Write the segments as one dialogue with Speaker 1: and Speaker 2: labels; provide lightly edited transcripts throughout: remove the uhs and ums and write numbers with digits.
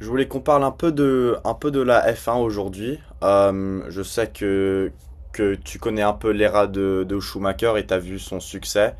Speaker 1: Je voulais qu'on parle un peu un peu de la F1 aujourd'hui. Je sais que tu connais un peu l'ère de Schumacher et tu as vu son succès.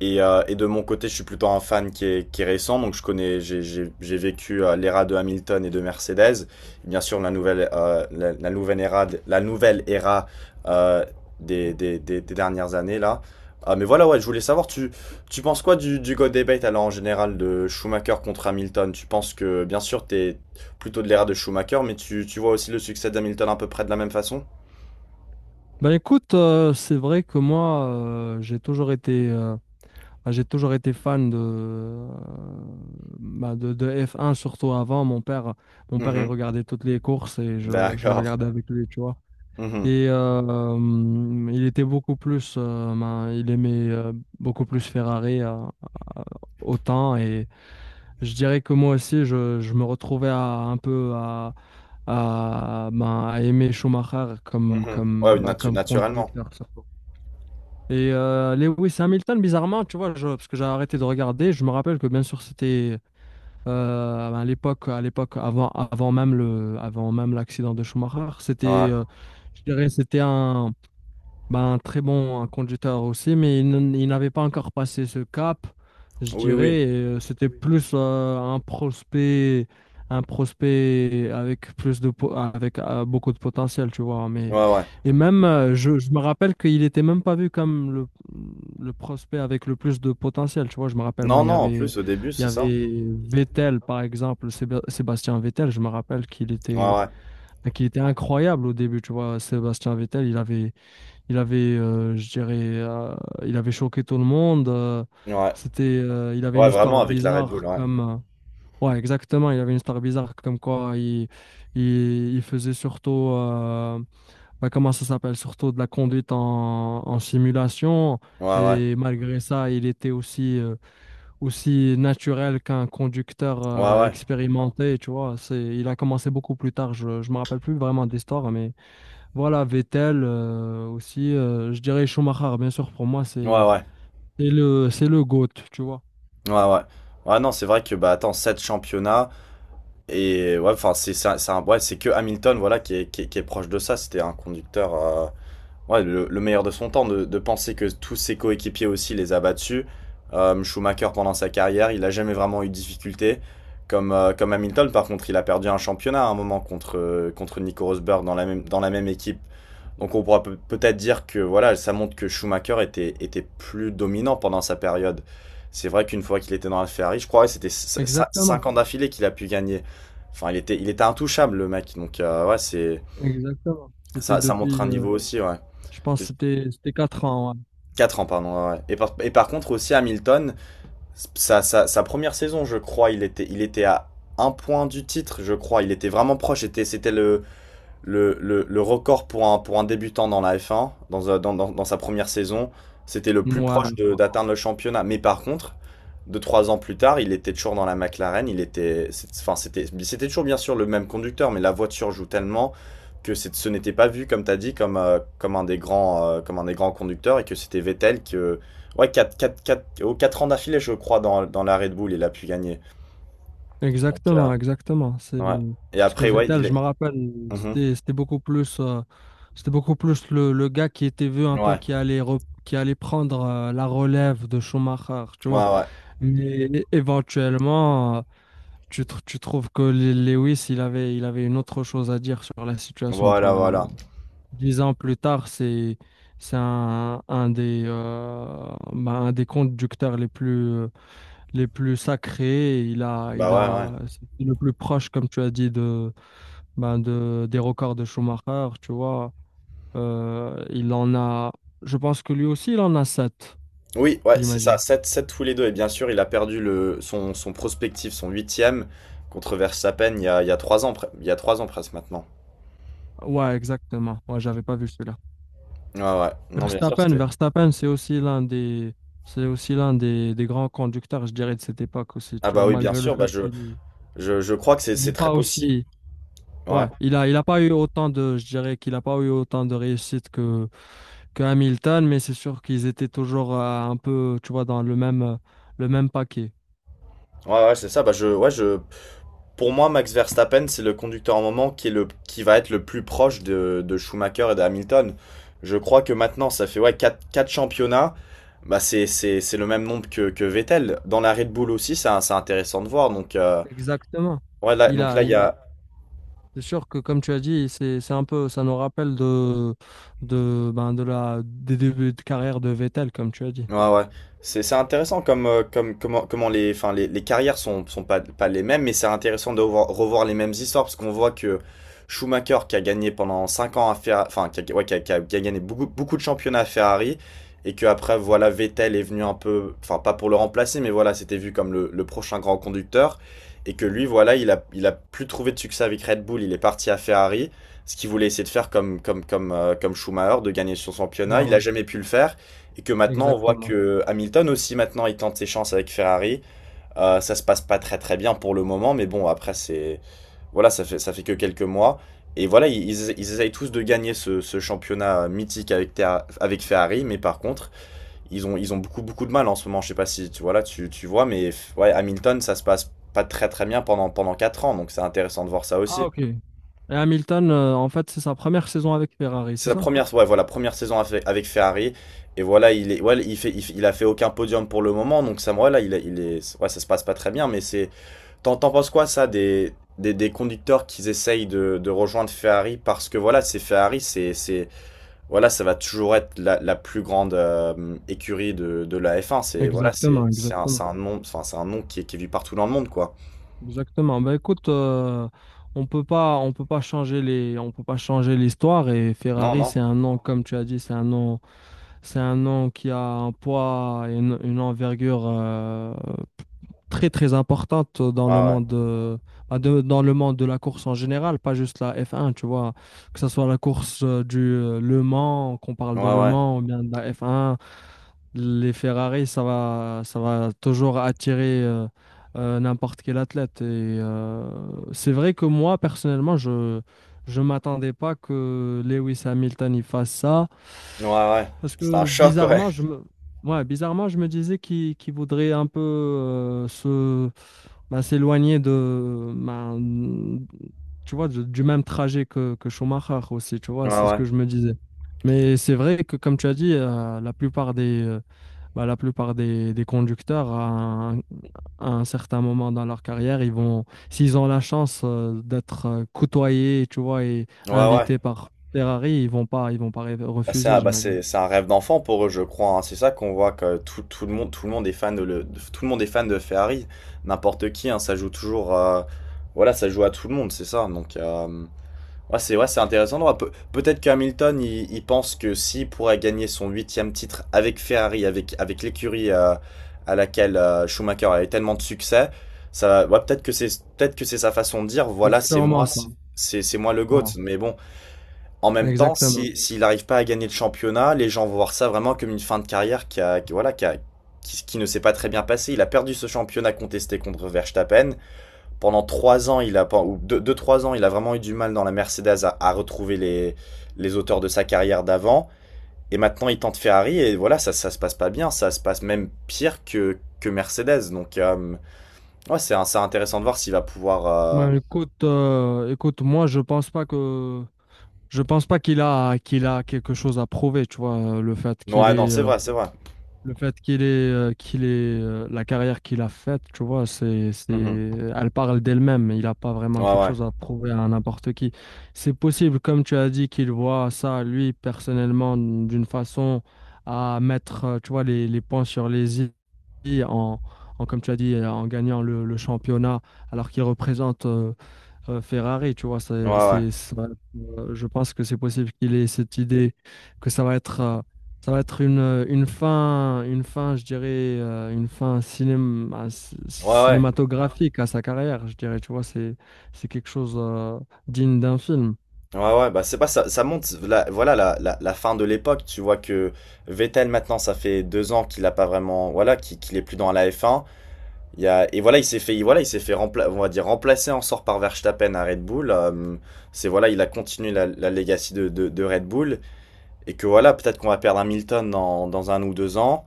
Speaker 1: Et de mon côté, je suis plutôt un fan qui est récent, donc je connais, j'ai vécu l'ère de Hamilton et de Mercedes. Et bien sûr, la nouvelle la nouvelle ère euh, des dernières années là. Ah, mais voilà, ouais, je voulais savoir, tu penses quoi du Go Debate alors en général de Schumacher contre Hamilton? Tu penses que, bien sûr, t'es plutôt de l'ère de Schumacher, mais tu vois aussi le succès d'Hamilton à peu près de la même façon?
Speaker 2: Ben écoute, c'est vrai que moi, j'ai toujours été fan de F1, surtout avant. Mon père, il
Speaker 1: Mhm.
Speaker 2: regardait toutes les courses et je les
Speaker 1: D'accord.
Speaker 2: regardais avec lui, tu vois.
Speaker 1: Mhm.
Speaker 2: Il était beaucoup plus, ben, il aimait beaucoup plus Ferrari euh, autant. Et je dirais que moi aussi, je me retrouvais à un peu, ben, à aimer Schumacher comme,
Speaker 1: Mhm. Ouais,
Speaker 2: comme, bah, comme
Speaker 1: naturellement.
Speaker 2: conducteur, surtout. Lewis Hamilton, bizarrement, tu vois, parce que j'ai arrêté de regarder. Je me rappelle que bien sûr c'était, à l'époque avant, avant même l'accident de Schumacher, c'était,
Speaker 1: Ouais.
Speaker 2: je dirais, c'était ben, un très bon conducteur aussi, mais il n'avait pas encore passé ce cap, je
Speaker 1: Oui, oui.
Speaker 2: dirais. C'était plus un prospect avec beaucoup de potentiel, tu vois. Mais
Speaker 1: Ouais, ouais.
Speaker 2: et même, je me rappelle qu'il était même pas vu comme le prospect avec le plus de potentiel, tu vois. Je me rappelle
Speaker 1: Non,
Speaker 2: moi,
Speaker 1: non, en plus, au début,
Speaker 2: il y
Speaker 1: c'est ça.
Speaker 2: avait Vettel par exemple, Sébastien Vettel. Je me rappelle qu'il
Speaker 1: Ouais,
Speaker 2: était
Speaker 1: ouais.
Speaker 2: enfin, qu'il était incroyable au début, tu vois. Sébastien Vettel, je dirais, il avait choqué tout le monde.
Speaker 1: Ouais.
Speaker 2: C'était, il avait une
Speaker 1: Ouais, vraiment,
Speaker 2: histoire
Speaker 1: avec la Red Bull,
Speaker 2: bizarre
Speaker 1: ouais.
Speaker 2: comme, ouais, exactement, il avait une histoire bizarre comme quoi il faisait surtout, bah, comment ça s'appelle, surtout de la conduite en simulation.
Speaker 1: Ouais, ouais.
Speaker 2: Et malgré ça, il était aussi naturel qu'un conducteur
Speaker 1: Ouais, ouais.
Speaker 2: expérimenté, tu vois. Il a commencé beaucoup plus tard, je ne me rappelle plus vraiment de l'histoire, mais voilà, Vettel aussi, je dirais Schumacher, bien sûr, pour moi,
Speaker 1: Ouais,
Speaker 2: c'est
Speaker 1: ouais.
Speaker 2: c'est le, c'est le GOAT, tu vois.
Speaker 1: Ouais, ouais. Ouais, non, c'est vrai que, bah, attends, 7 championnats, et ouais, enfin, c'est ouais, c'est que Hamilton, voilà, qui est proche de ça. C'était un conducteur. Ouais, le meilleur de son temps, de penser que tous ses coéquipiers aussi les a battus. Schumacher, pendant sa carrière, il n'a jamais vraiment eu de difficultés. Comme Hamilton, par contre, il a perdu un championnat à un moment contre Nico Rosberg dans la dans la même équipe. Donc on pourra peut- être dire que voilà, ça montre que Schumacher était plus dominant pendant sa période. C'est vrai qu'une fois qu'il était dans la Ferrari, je crois que c'était
Speaker 2: Exactement,
Speaker 1: 5 ans d'affilée qu'il a pu gagner. Enfin, il était intouchable, le mec. Donc, ouais, c'est,
Speaker 2: exactement. C'était
Speaker 1: ça montre
Speaker 2: depuis,
Speaker 1: un niveau aussi, ouais.
Speaker 2: je pense,
Speaker 1: Et,
Speaker 2: que c'était 4 ans.
Speaker 1: 4 ans, pardon. Ouais. Ouais. Et par contre, aussi Hamilton, sa première saison, je crois, il était à un point du titre, je crois. Il était vraiment proche. C'était le record pour un débutant dans la F1, dans, un- dans, dans- dans sa première saison, c'était le
Speaker 2: Ouais.
Speaker 1: plus proche
Speaker 2: Ouais.
Speaker 1: d'atteindre le championnat. Mais par contre, 2, 3 ans plus tard, il était toujours dans la McLaren. Il était, c'est- enfin, c'était, C'était toujours bien sûr le même conducteur, mais la voiture joue tellement que ce n'était pas vu, comme tu as dit, comme un des grands, comme un des grands conducteurs et que c'était Vettel que. Ouais, 4 ans d'affilée, je crois, dans la Red Bull, il a pu gagner. Donc,
Speaker 2: Exactement, exactement. C'est
Speaker 1: ouais. Et
Speaker 2: parce que
Speaker 1: après, ouais,
Speaker 2: Vettel,
Speaker 1: il
Speaker 2: je
Speaker 1: est.
Speaker 2: me rappelle,
Speaker 1: Mhm.
Speaker 2: c'était beaucoup plus le gars qui était vu un peu
Speaker 1: Ouais,
Speaker 2: qui allait qui allait prendre la relève de Schumacher, tu
Speaker 1: ouais,
Speaker 2: vois.
Speaker 1: ouais.
Speaker 2: Mais éventuellement, tu trouves que Lewis, il avait une autre chose à dire sur la situation, tu
Speaker 1: Voilà,
Speaker 2: vois.
Speaker 1: voilà.
Speaker 2: 10 ans plus tard, c'est un des, bah, un des conducteurs les plus sacrés. Et
Speaker 1: Bah ouais, ouais.
Speaker 2: c'est le plus proche, comme tu as dit, bah, des records de Schumacher, tu vois. Il en a, je pense que lui aussi, il en a sept,
Speaker 1: Oui, ouais, c'est ça,
Speaker 2: j'imagine.
Speaker 1: sept 7 tous les deux. Et bien sûr, il a perdu son prospectif, son huitième, contre Verstappen il y a 3 ans, il y a 3 ans presque maintenant.
Speaker 2: Ouais, exactement. Ouais, j'avais pas vu celui-là.
Speaker 1: Ouais, ouais. Non, bien sûr, c'était.
Speaker 2: Verstappen, c'est aussi l'un des grands conducteurs, je dirais, de cette époque aussi,
Speaker 1: Ah
Speaker 2: tu
Speaker 1: bah
Speaker 2: vois,
Speaker 1: oui, bien
Speaker 2: malgré le
Speaker 1: sûr, bah
Speaker 2: fait
Speaker 1: je,
Speaker 2: qu'il
Speaker 1: je, je crois que
Speaker 2: il n'est
Speaker 1: c'est très
Speaker 2: pas
Speaker 1: possible.
Speaker 2: aussi,
Speaker 1: Ouais,
Speaker 2: ouais, il a pas eu autant de, je dirais qu'il a pas eu autant de réussite que Hamilton, mais c'est sûr qu'ils étaient toujours un peu, tu vois, dans le même paquet.
Speaker 1: ouais, ouais, c'est ça. Pour moi, Max Verstappen, c'est le conducteur en moment qui qui va être le plus proche de Schumacher et de Hamilton. Je crois que maintenant, ça fait ouais, 4 championnats. Bah, c'est le même nombre que Vettel. Dans la Red Bull aussi, c'est intéressant de voir. Donc,
Speaker 2: Exactement.
Speaker 1: ouais, là,
Speaker 2: Il
Speaker 1: donc
Speaker 2: a,
Speaker 1: là, il y
Speaker 2: il a.
Speaker 1: a,
Speaker 2: C'est sûr que comme tu as dit, c'est un peu, ça nous rappelle ben, des débuts de carrière de Vettel, comme tu as dit.
Speaker 1: Ouais, ouais. C'est intéressant comment les, enfin, les carrières sont pas, pas les mêmes, mais c'est intéressant de revoir les mêmes histoires parce qu'on voit que Schumacher, qui a gagné pendant 5 ans à Ferrari, enfin, qui a, ouais, qui a, qui a- qui a gagné beaucoup, beaucoup de championnats à Ferrari, et que après, voilà, Vettel est venu un peu, enfin, pas pour le remplacer, mais voilà, c'était vu comme le prochain grand conducteur, et que lui, voilà, il a plus trouvé de succès avec Red Bull, il est parti à Ferrari, ce qu'il voulait essayer de faire comme Schumacher, de gagner son championnat, il a
Speaker 2: Voilà.
Speaker 1: jamais pu le faire. Et que maintenant, on voit
Speaker 2: Exactement.
Speaker 1: que Hamilton aussi, maintenant, il tente ses chances avec Ferrari. Ça se passe pas très très bien pour le moment, mais bon, après, c'est. Voilà, ça fait que quelques mois. Et voilà, ils essayent tous de gagner ce championnat mythique avec Ferrari, mais par contre, ils ont beaucoup beaucoup de mal en ce moment. Je sais pas si tu, voilà, tu vois, mais ouais, Hamilton, ça se passe pas très très bien pendant, pendant 4 ans, donc c'est intéressant de voir ça
Speaker 2: Ah,
Speaker 1: aussi.
Speaker 2: ok. Et Hamilton, en fait, c'est sa première saison avec Ferrari,
Speaker 1: C'est
Speaker 2: c'est
Speaker 1: la
Speaker 2: ça?
Speaker 1: première, ouais, voilà, première saison avec avec Ferrari. Et voilà, il est, ouais, il a fait aucun podium pour le moment. Donc ça, voilà, il est, ouais, ça se passe pas très bien. Mais c'est, t'en penses quoi ça des conducteurs qui essayent de rejoindre Ferrari parce que voilà, c'est Ferrari, c'est, voilà, ça va toujours être la plus grande écurie de la F1. C'est voilà,
Speaker 2: Exactement,
Speaker 1: c'est
Speaker 2: exactement.
Speaker 1: un nom, enfin c'est un nom qui est vu partout dans le monde quoi.
Speaker 2: Exactement. Ben écoute, on peut pas changer l'histoire et
Speaker 1: Non,
Speaker 2: Ferrari,
Speaker 1: non.
Speaker 2: c'est un nom, comme tu as dit, C'est un nom qui a un poids et une envergure très très importante dans le
Speaker 1: Ah
Speaker 2: monde dans le monde de la course en général, pas juste la F1, tu vois, que ce soit la course du Le Mans, qu'on parle
Speaker 1: ouais.
Speaker 2: de
Speaker 1: Ouais,
Speaker 2: Le
Speaker 1: ouais.
Speaker 2: Mans ou bien de la F1, les Ferrari, ça va toujours attirer n'importe quel athlète et c'est vrai que moi personnellement, je m'attendais pas que Lewis Hamilton y fasse ça.
Speaker 1: Ouais, ouais.
Speaker 2: Parce
Speaker 1: C'est un
Speaker 2: que
Speaker 1: choc ouais.
Speaker 2: bizarrement, ouais, bizarrement, je me disais qu'il voudrait un peu se bah, s'éloigner de bah, tu vois, du même trajet que Schumacher aussi, tu
Speaker 1: Ouais,
Speaker 2: vois, c'est ce
Speaker 1: ouais.
Speaker 2: que je me disais. Mais c'est vrai que, comme tu as dit, bah, des conducteurs, à un certain moment dans leur carrière, s'ils ont la chance d'être côtoyés, tu vois, et
Speaker 1: Ouais, ouais.
Speaker 2: invités par Ferrari, ils vont pas
Speaker 1: Bah, c'est
Speaker 2: refuser,
Speaker 1: un,
Speaker 2: j'imagine.
Speaker 1: c'est un rêve d'enfant pour eux, je crois, hein. C'est ça qu'on voit que tout, tout le monde est fan de le, de- tout le monde est fan de Ferrari. N'importe qui, hein, ça joue toujours. Voilà, ça joue à tout le monde, c'est ça. Donc, ouais, c'est intéressant de voir. Peut-être qu'Hamilton, il pense que s'il pourrait gagner son huitième titre avec Ferrari, avec l'écurie à laquelle Schumacher a eu tellement de succès, ouais, peut-être que c'est sa façon de dire,
Speaker 2: C'est
Speaker 1: voilà, c'est
Speaker 2: sûrement
Speaker 1: moi,
Speaker 2: ça.
Speaker 1: c'est moi le GOAT.
Speaker 2: Voilà,
Speaker 1: Mais bon. En même temps,
Speaker 2: exactement.
Speaker 1: si, s'il n'arrive pas à gagner le championnat, les gens vont voir ça vraiment comme une fin de carrière qui, a, qui- voilà, qui, a- qui- qui ne s'est pas très bien passée. Il a perdu ce championnat contesté contre Verstappen. Pendant 3 ans, il a, pen- ou 2, 3 ans, il a vraiment eu du mal dans la Mercedes à retrouver les auteurs de sa carrière d'avant. Et maintenant, il tente Ferrari et voilà, ça se passe pas bien. Ça se passe même pire que Mercedes. Donc, ouais, c'est intéressant de voir s'il va pouvoir.
Speaker 2: Ben, écoute, moi je pense pas qu'il a quelque chose à prouver, tu vois.
Speaker 1: Non, ouais, non, c'est vrai, c'est vrai.
Speaker 2: Le fait qu'il ait, la carrière qu'il a faite, tu vois, c'est,
Speaker 1: Mhm.
Speaker 2: elle parle d'elle-même. Il n'a pas vraiment
Speaker 1: Ouais,
Speaker 2: quelque
Speaker 1: ouais.
Speaker 2: chose à prouver à n'importe qui. C'est possible, comme tu as dit, qu'il voit ça, lui, personnellement, d'une façon à mettre, tu vois, les points sur les i comme tu as dit, en gagnant le championnat, alors qu'il représente Ferrari, tu vois.
Speaker 1: Ouais, ouais.
Speaker 2: C'est, ça va être, Je pense que c'est possible qu'il ait cette idée que ça va être une fin, je dirais, une fin
Speaker 1: Ouais, ouais.
Speaker 2: cinématographique à sa carrière, je dirais, tu vois, c'est quelque chose, digne d'un film.
Speaker 1: Ouais, ouais, bah c'est pas ça, ça monte, voilà la fin de l'époque, tu vois que Vettel maintenant ça fait 2 ans qu'il a pas vraiment, voilà, qu'il est plus dans la f un il y a, et voilà il s'est fait, voilà il s'est fait rempla, on va dire remplacer en sort par Verstappen à Red Bull, c'est voilà il a continué la legacy de Red Bull, et que voilà peut-être qu'on va perdre Hamilton dans, dans un ou deux ans,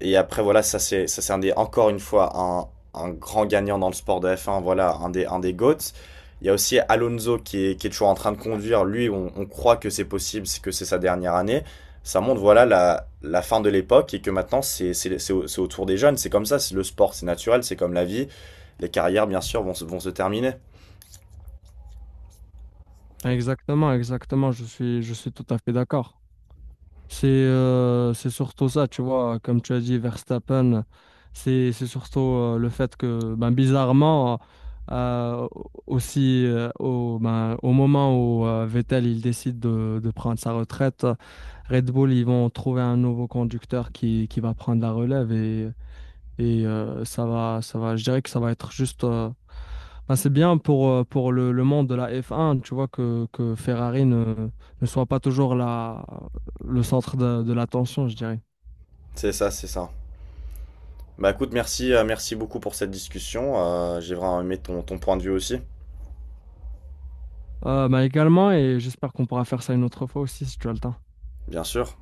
Speaker 1: et après, voilà, ça c'est un des encore une fois un grand gagnant dans le sport de F1, voilà, un des GOATs. Il y a aussi Alonso qui est toujours en train de conduire. Lui, on croit que c'est possible, c'est que c'est sa dernière année. Ça montre voilà la fin de l'époque et que maintenant c'est au tour des jeunes. C'est comme ça, c'est le sport, c'est naturel, c'est comme la vie. Les carrières, bien sûr, vont se terminer.
Speaker 2: Exactement, exactement, je suis tout à fait d'accord. C'est surtout ça, tu vois, comme tu as dit, Verstappen, c'est surtout le fait que, ben, bizarrement, euh, aussi ben, au moment où Vettel il décide de prendre sa retraite, Red Bull, ils vont trouver un nouveau conducteur qui va prendre la relève et ça va, je dirais que ça va être juste. Ben, c'est bien pour le monde de la F1, tu vois, que Ferrari ne soit pas toujours le centre de l'attention, je dirais.
Speaker 1: C'est ça, c'est ça. Bah écoute, merci beaucoup pour cette discussion. J'ai vraiment aimé ton, ton point de vue aussi,
Speaker 2: Ben, également, et j'espère qu'on pourra faire ça une autre fois aussi, si tu as le temps.
Speaker 1: bien sûr.